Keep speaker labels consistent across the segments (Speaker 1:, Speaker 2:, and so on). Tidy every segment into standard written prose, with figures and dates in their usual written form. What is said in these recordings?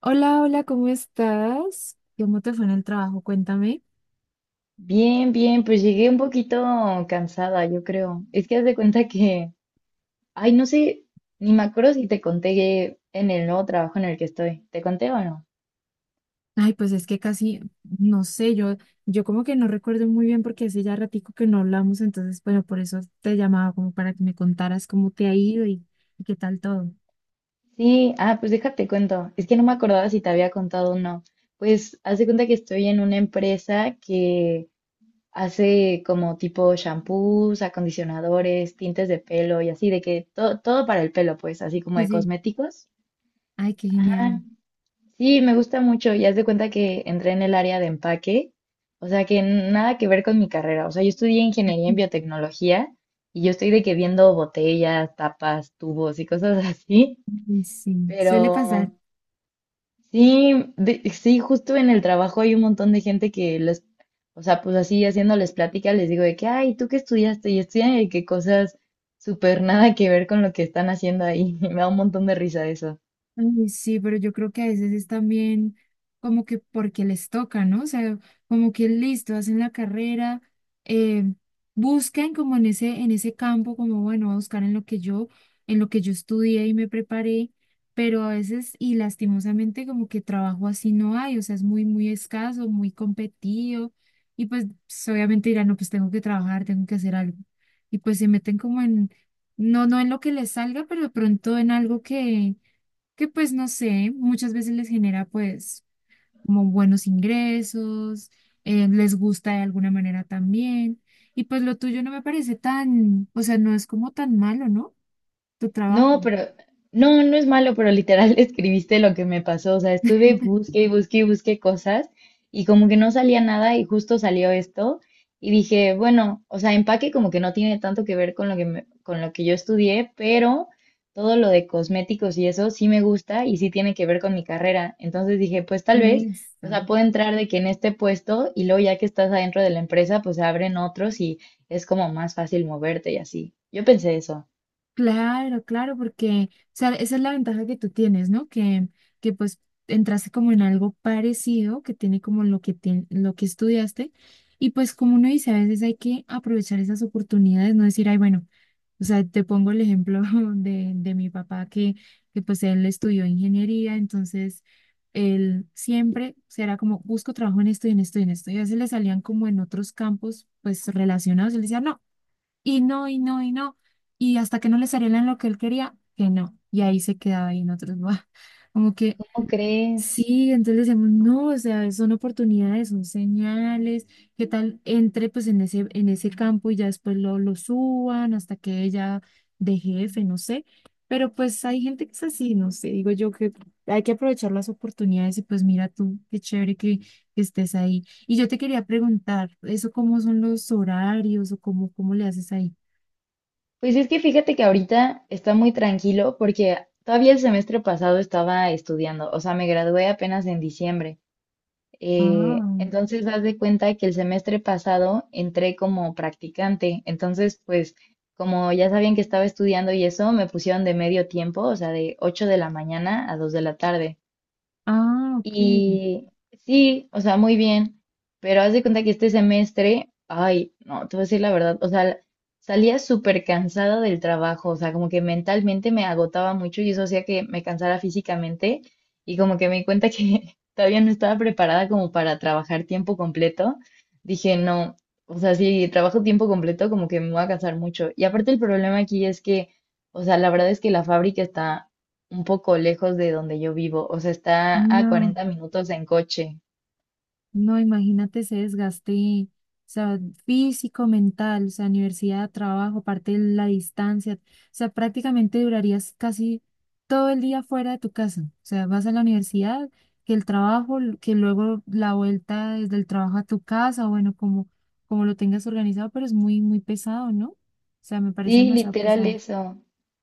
Speaker 1: Hola, hola, ¿cómo estás? ¿Cómo te fue en el trabajo? Cuéntame.
Speaker 2: Bien, bien, pues llegué un poquito cansada, yo creo. Es que haz de cuenta que, ay, no sé, ni me acuerdo si te conté que en el nuevo trabajo en el que estoy. ¿Te conté o no?
Speaker 1: Ay, pues es que casi, no sé, yo como que no recuerdo muy bien porque hace ya ratico que no hablamos, entonces, bueno, por eso te llamaba como para que me contaras cómo te ha ido y qué tal todo.
Speaker 2: Sí, ah, pues déjate cuento. Es que no me acordaba si te había contado o no. Pues haz de cuenta que estoy en una empresa que hace como tipo shampoos, acondicionadores, tintes de pelo y así, de que todo, todo para el pelo, pues, así como
Speaker 1: Sí,
Speaker 2: de
Speaker 1: sí.
Speaker 2: cosméticos.
Speaker 1: Ay, qué
Speaker 2: Ah,
Speaker 1: genial.
Speaker 2: sí, me gusta mucho y haz de cuenta que entré en el área de empaque, o sea que nada que ver con mi carrera, o sea, yo estudié ingeniería en biotecnología y yo estoy de que viendo botellas, tapas, tubos y cosas así,
Speaker 1: Sí, suele pasar.
Speaker 2: pero sí, sí, justo en el trabajo hay un montón de gente que les, o sea, pues así haciéndoles plática les digo de que, ay, ¿tú qué estudiaste? Y estudian de que cosas súper nada que ver con lo que están haciendo ahí. Me da un montón de risa eso.
Speaker 1: Ay, sí, pero yo creo que a veces es también como que porque les toca, ¿no? O sea, como que listo, hacen la carrera, eh, buscan como en ese campo, como bueno, voy a buscar en lo que yo estudié y me preparé, pero a veces, y lastimosamente, como que trabajo así no hay, o sea, es muy, muy escaso, muy competido, y pues, obviamente dirán, no, pues tengo que trabajar, tengo que hacer algo. Y pues se meten como en, no, no en lo que les salga, pero de pronto en algo que pues no sé, muchas veces les genera pues como buenos ingresos, les gusta de alguna manera también, y pues lo tuyo no me parece tan, o sea, no es como tan malo, ¿no? Tu
Speaker 2: No,
Speaker 1: trabajo.
Speaker 2: pero no, no es malo, pero literal escribiste lo que me pasó. O sea, estuve busque y busque y busque cosas y como que no salía nada y justo salió esto y dije, bueno, o sea, empaque como que no tiene tanto que ver con con lo que yo estudié, pero todo lo de cosméticos y eso sí me gusta y sí tiene que ver con mi carrera. Entonces dije, pues tal vez, o
Speaker 1: Eso.
Speaker 2: sea, puedo entrar de que en este puesto y luego ya que estás adentro de la empresa, pues se abren otros y es como más fácil moverte y así. Yo pensé eso.
Speaker 1: Claro, claro, porque, o sea, esa es la ventaja que tú tienes, ¿no? Que pues entraste como en algo parecido, que tiene como lo que, lo que estudiaste, y pues como uno dice, a veces hay que aprovechar esas oportunidades, no decir, ay, bueno. O sea, te pongo el ejemplo de mi papá que pues él estudió ingeniería, entonces él siempre o sea, era como, busco trabajo en esto y en esto y en esto. Y a veces le salían como en otros campos pues relacionados, él decía no, y no, y no, y no. Y hasta que no le salía en lo que él quería, que no. Y ahí se quedaba ahí en otros, como que
Speaker 2: ¿Cómo crees?
Speaker 1: sí, entonces decimos, no, o sea, son oportunidades, son señales, qué tal entre pues en ese campo y ya después lo suban hasta que ella de jefe, no sé, pero pues hay gente que es así, no sé, digo yo que hay que aprovechar las oportunidades y pues mira tú, qué chévere que estés ahí. Y yo te quería preguntar, ¿eso cómo son los horarios o cómo le haces ahí?
Speaker 2: Pues es que fíjate que ahorita está muy tranquilo porque todavía el semestre pasado estaba estudiando, o sea, me gradué apenas en diciembre.
Speaker 1: Ah,
Speaker 2: Entonces, haz de cuenta que el semestre pasado entré como practicante, entonces, pues, como ya sabían que estaba estudiando y eso, me pusieron de medio tiempo, o sea, de 8 de la mañana a 2 de la tarde.
Speaker 1: ah, ok,
Speaker 2: Y sí, o sea, muy bien, pero haz de cuenta que este semestre, ay, no, te voy a decir la verdad, o sea, salía súper cansada del trabajo, o sea, como que mentalmente me agotaba mucho y eso hacía que me cansara físicamente y como que me di cuenta que todavía no estaba preparada como para trabajar tiempo completo. Dije, no, o sea, si trabajo tiempo completo, como que me voy a cansar mucho. Y aparte el problema aquí es que, o sea, la verdad es que la fábrica está un poco lejos de donde yo vivo, o sea, está a
Speaker 1: no.
Speaker 2: 40 minutos en coche.
Speaker 1: No, imagínate ese desgaste, o sea, físico, mental, o sea, universidad, trabajo, parte de la distancia, o sea, prácticamente durarías casi todo el día fuera de tu casa, o sea, vas a la universidad, que el trabajo, que luego la vuelta desde el trabajo a tu casa, bueno, como lo tengas organizado, pero es muy, muy pesado, ¿no? O sea, me parece
Speaker 2: Sí,
Speaker 1: demasiado
Speaker 2: literal
Speaker 1: pesado.
Speaker 2: eso.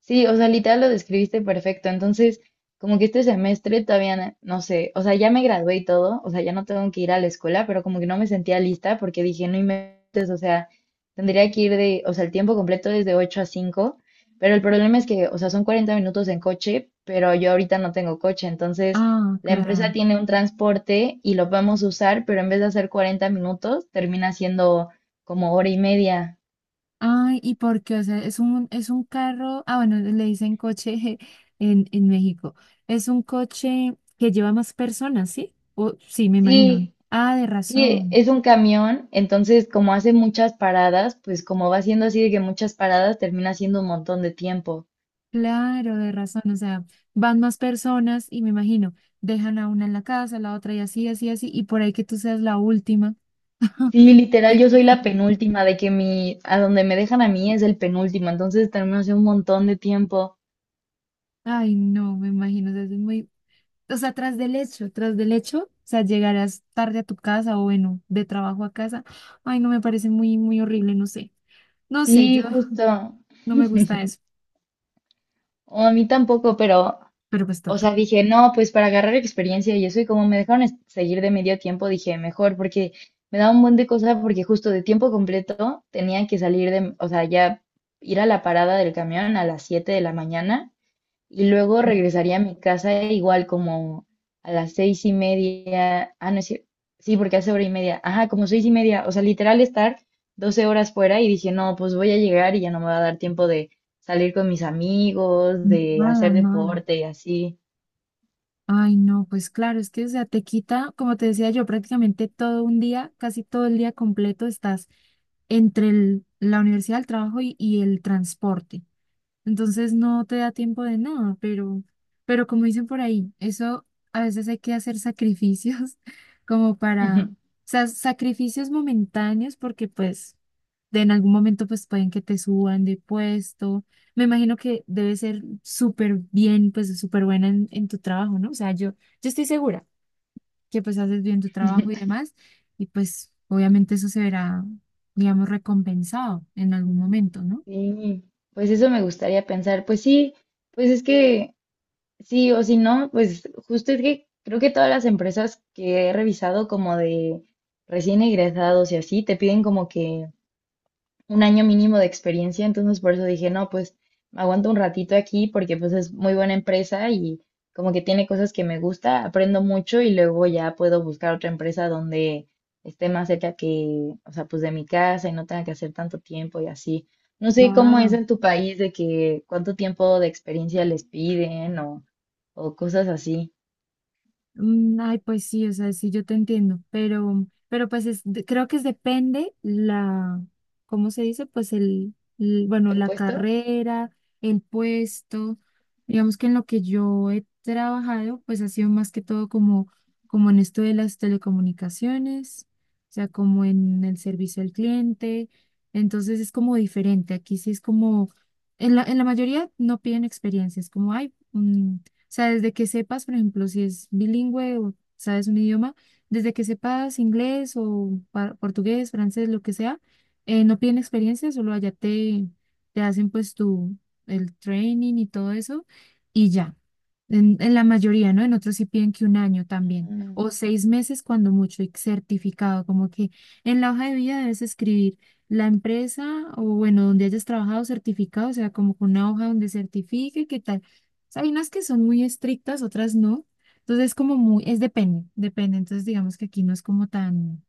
Speaker 2: Sí, o sea, literal lo describiste perfecto. Entonces, como que este semestre todavía no sé, o sea, ya me gradué y todo, o sea, ya no tengo que ir a la escuela, pero como que no me sentía lista porque dije, no inventes, o sea, tendría que ir de, o sea, el tiempo completo es de 8 a 5, pero el problema es que, o sea, son 40 minutos en coche, pero yo ahorita no tengo coche, entonces
Speaker 1: Ah,
Speaker 2: la empresa
Speaker 1: claro.
Speaker 2: tiene un transporte y lo podemos usar, pero en vez de hacer 40 minutos, termina siendo como hora y media.
Speaker 1: Ay, ¿y por qué? O sea, es un carro, ah, bueno, le dicen coche en México. Es un coche que lleva más personas, ¿sí? O, sí, me imagino.
Speaker 2: Sí,
Speaker 1: Ah, de
Speaker 2: sí,
Speaker 1: razón.
Speaker 2: es un camión, entonces como hace muchas paradas, pues como va siendo así de que muchas paradas, termina siendo un montón de tiempo.
Speaker 1: Claro, de razón. O sea, van más personas y me imagino, dejan a una en la casa, la otra y así, así, así, y por ahí que tú seas la última.
Speaker 2: Sí, literal, yo soy la penúltima, de que mi, a donde me dejan a mí es el penúltimo, entonces termino hace un montón de tiempo.
Speaker 1: Ay, no, me imagino, o sea, es muy, o sea, tras del hecho, o sea, llegarás tarde a tu casa o bueno, de trabajo a casa. Ay, no me parece muy, muy horrible, no sé. No sé, yo
Speaker 2: Sí, justo.
Speaker 1: no me gusta eso,
Speaker 2: O a mí tampoco, pero
Speaker 1: pero pues
Speaker 2: o
Speaker 1: toca.
Speaker 2: sea, dije, no, pues para agarrar experiencia y eso, y como me dejaron seguir de medio tiempo, dije, mejor, porque me daba un buen de cosas, porque justo de tiempo completo tenía que salir de, o sea, ya ir a la parada del camión a las 7 de la mañana y luego
Speaker 1: Sí.
Speaker 2: regresaría a mi casa igual como a las 6 y media, ah, no es cier- sí, porque hace hora y media, ajá, como 6 y media, o sea, literal estar 12 horas fuera y dije, no, pues voy a llegar y ya no me va a dar tiempo de salir con mis amigos, de
Speaker 1: Nada,
Speaker 2: hacer
Speaker 1: nada.
Speaker 2: deporte y así.
Speaker 1: Ay, no, pues claro, es que, o sea, te quita, como te decía yo, prácticamente todo un día, casi todo el día completo estás entre la universidad, el trabajo y el transporte. Entonces no te da tiempo de nada, pero como dicen por ahí, eso a veces hay que hacer sacrificios como para, o
Speaker 2: Ujú.
Speaker 1: sea, sacrificios momentáneos porque pues de en algún momento pues pueden que te suban de puesto. Me imagino que debe ser súper bien, pues súper buena en tu trabajo, ¿no? O sea, yo estoy segura que pues haces bien tu trabajo y demás y pues obviamente eso se verá, digamos, recompensado en algún momento, ¿no?
Speaker 2: Sí, pues eso me gustaría pensar. Pues sí, pues es que sí o si no, pues justo es que creo que todas las empresas que he revisado como de recién egresados y así, te piden como que un año mínimo de experiencia, entonces por eso dije, no, pues me aguanto un ratito aquí porque pues es muy buena empresa y como que tiene cosas que me gusta, aprendo mucho y luego ya puedo buscar otra empresa donde esté más cerca que, o sea, pues de mi casa y no tenga que hacer tanto tiempo y así. No sé cómo es
Speaker 1: Claro.
Speaker 2: en tu país de que cuánto tiempo de experiencia les piden o cosas así.
Speaker 1: Ay, pues sí, o sea, sí, yo te entiendo, pero pues es, creo que es depende la, ¿cómo se dice? Pues bueno,
Speaker 2: ¿El
Speaker 1: la
Speaker 2: puesto?
Speaker 1: carrera, el puesto, digamos que en lo que yo he trabajado, pues ha sido más que todo como en esto de las telecomunicaciones, o sea, como en el servicio al cliente, entonces es como diferente, aquí sí es como, en la mayoría no piden experiencia, es como, ay, o sea, desde que sepas, por ejemplo, si es bilingüe o sabes un idioma, desde que sepas inglés o portugués, francés, lo que sea, no piden experiencia, solo allá te hacen pues tu, el training y todo eso y ya. En la mayoría, ¿no? En otros sí piden que un año también,
Speaker 2: Ah,
Speaker 1: o 6 meses cuando mucho, y certificado, como que en la hoja de vida debes escribir la empresa o bueno, donde hayas trabajado certificado, o sea, como con una hoja donde certifique que tal o sea, hay unas que son muy estrictas, otras no. Entonces es como muy, es depende, depende. Entonces digamos que aquí no es como tan,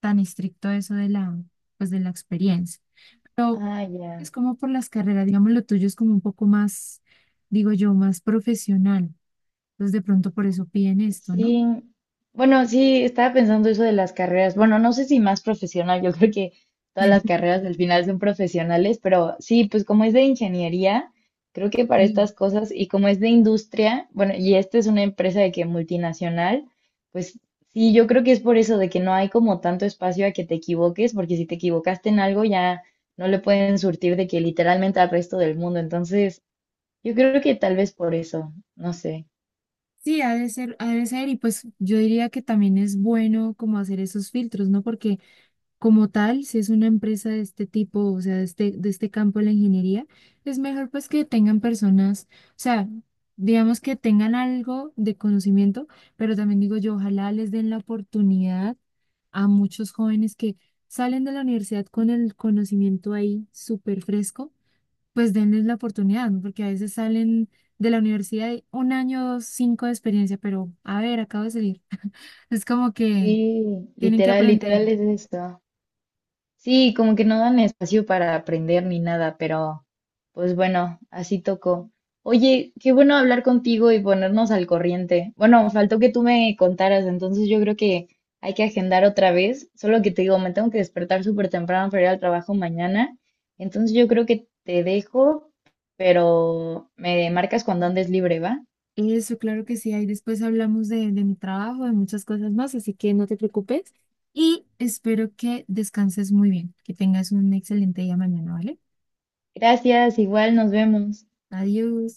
Speaker 1: tan estricto eso de la, pues de la experiencia. Pero
Speaker 2: ah, ya.
Speaker 1: es como por las carreras, digamos, lo tuyo es como un poco más, digo yo, más profesional. Entonces de pronto por eso piden esto, ¿no?
Speaker 2: Sí, bueno, sí, estaba pensando eso de las carreras. Bueno, no sé si más profesional, yo creo que todas las carreras al final son profesionales, pero sí, pues como es de ingeniería, creo que para
Speaker 1: Sí.
Speaker 2: estas cosas y como es de industria, bueno, y esta es una empresa de que multinacional, pues sí, yo creo que es por eso de que no hay como tanto espacio a que te equivoques, porque si te equivocaste en algo ya no le pueden surtir de que literalmente al resto del mundo. Entonces, yo creo que tal vez por eso, no sé.
Speaker 1: Sí, ha de ser, ha de ser. Y pues yo diría que también es bueno como hacer esos filtros, ¿no? Porque como tal, si es una empresa de este tipo, o sea, de este campo de la ingeniería, es mejor pues que tengan personas, o sea, digamos que tengan algo de conocimiento, pero también digo yo, ojalá les den la oportunidad a muchos jóvenes que salen de la universidad con el conocimiento ahí súper fresco, pues denles la oportunidad, ¿no? Porque a veces salen de la universidad y un año, dos, cinco de experiencia, pero a ver, acabo de salir. Es como que
Speaker 2: Sí,
Speaker 1: tienen que
Speaker 2: literal,
Speaker 1: aprender.
Speaker 2: literal es esto. Sí, como que no dan espacio para aprender ni nada, pero pues bueno, así tocó. Oye, qué bueno hablar contigo y ponernos al corriente. Bueno, faltó que tú me contaras, entonces yo creo que hay que agendar otra vez. Solo que te digo, me tengo que despertar súper temprano para ir al trabajo mañana. Entonces yo creo que te dejo, pero me marcas cuando andes libre, ¿va?
Speaker 1: Eso, claro que sí. Ahí después hablamos de mi trabajo, de muchas cosas más, así que no te preocupes y espero que descanses muy bien, que tengas un excelente día mañana, ¿vale?
Speaker 2: Gracias, igual nos vemos.
Speaker 1: Adiós.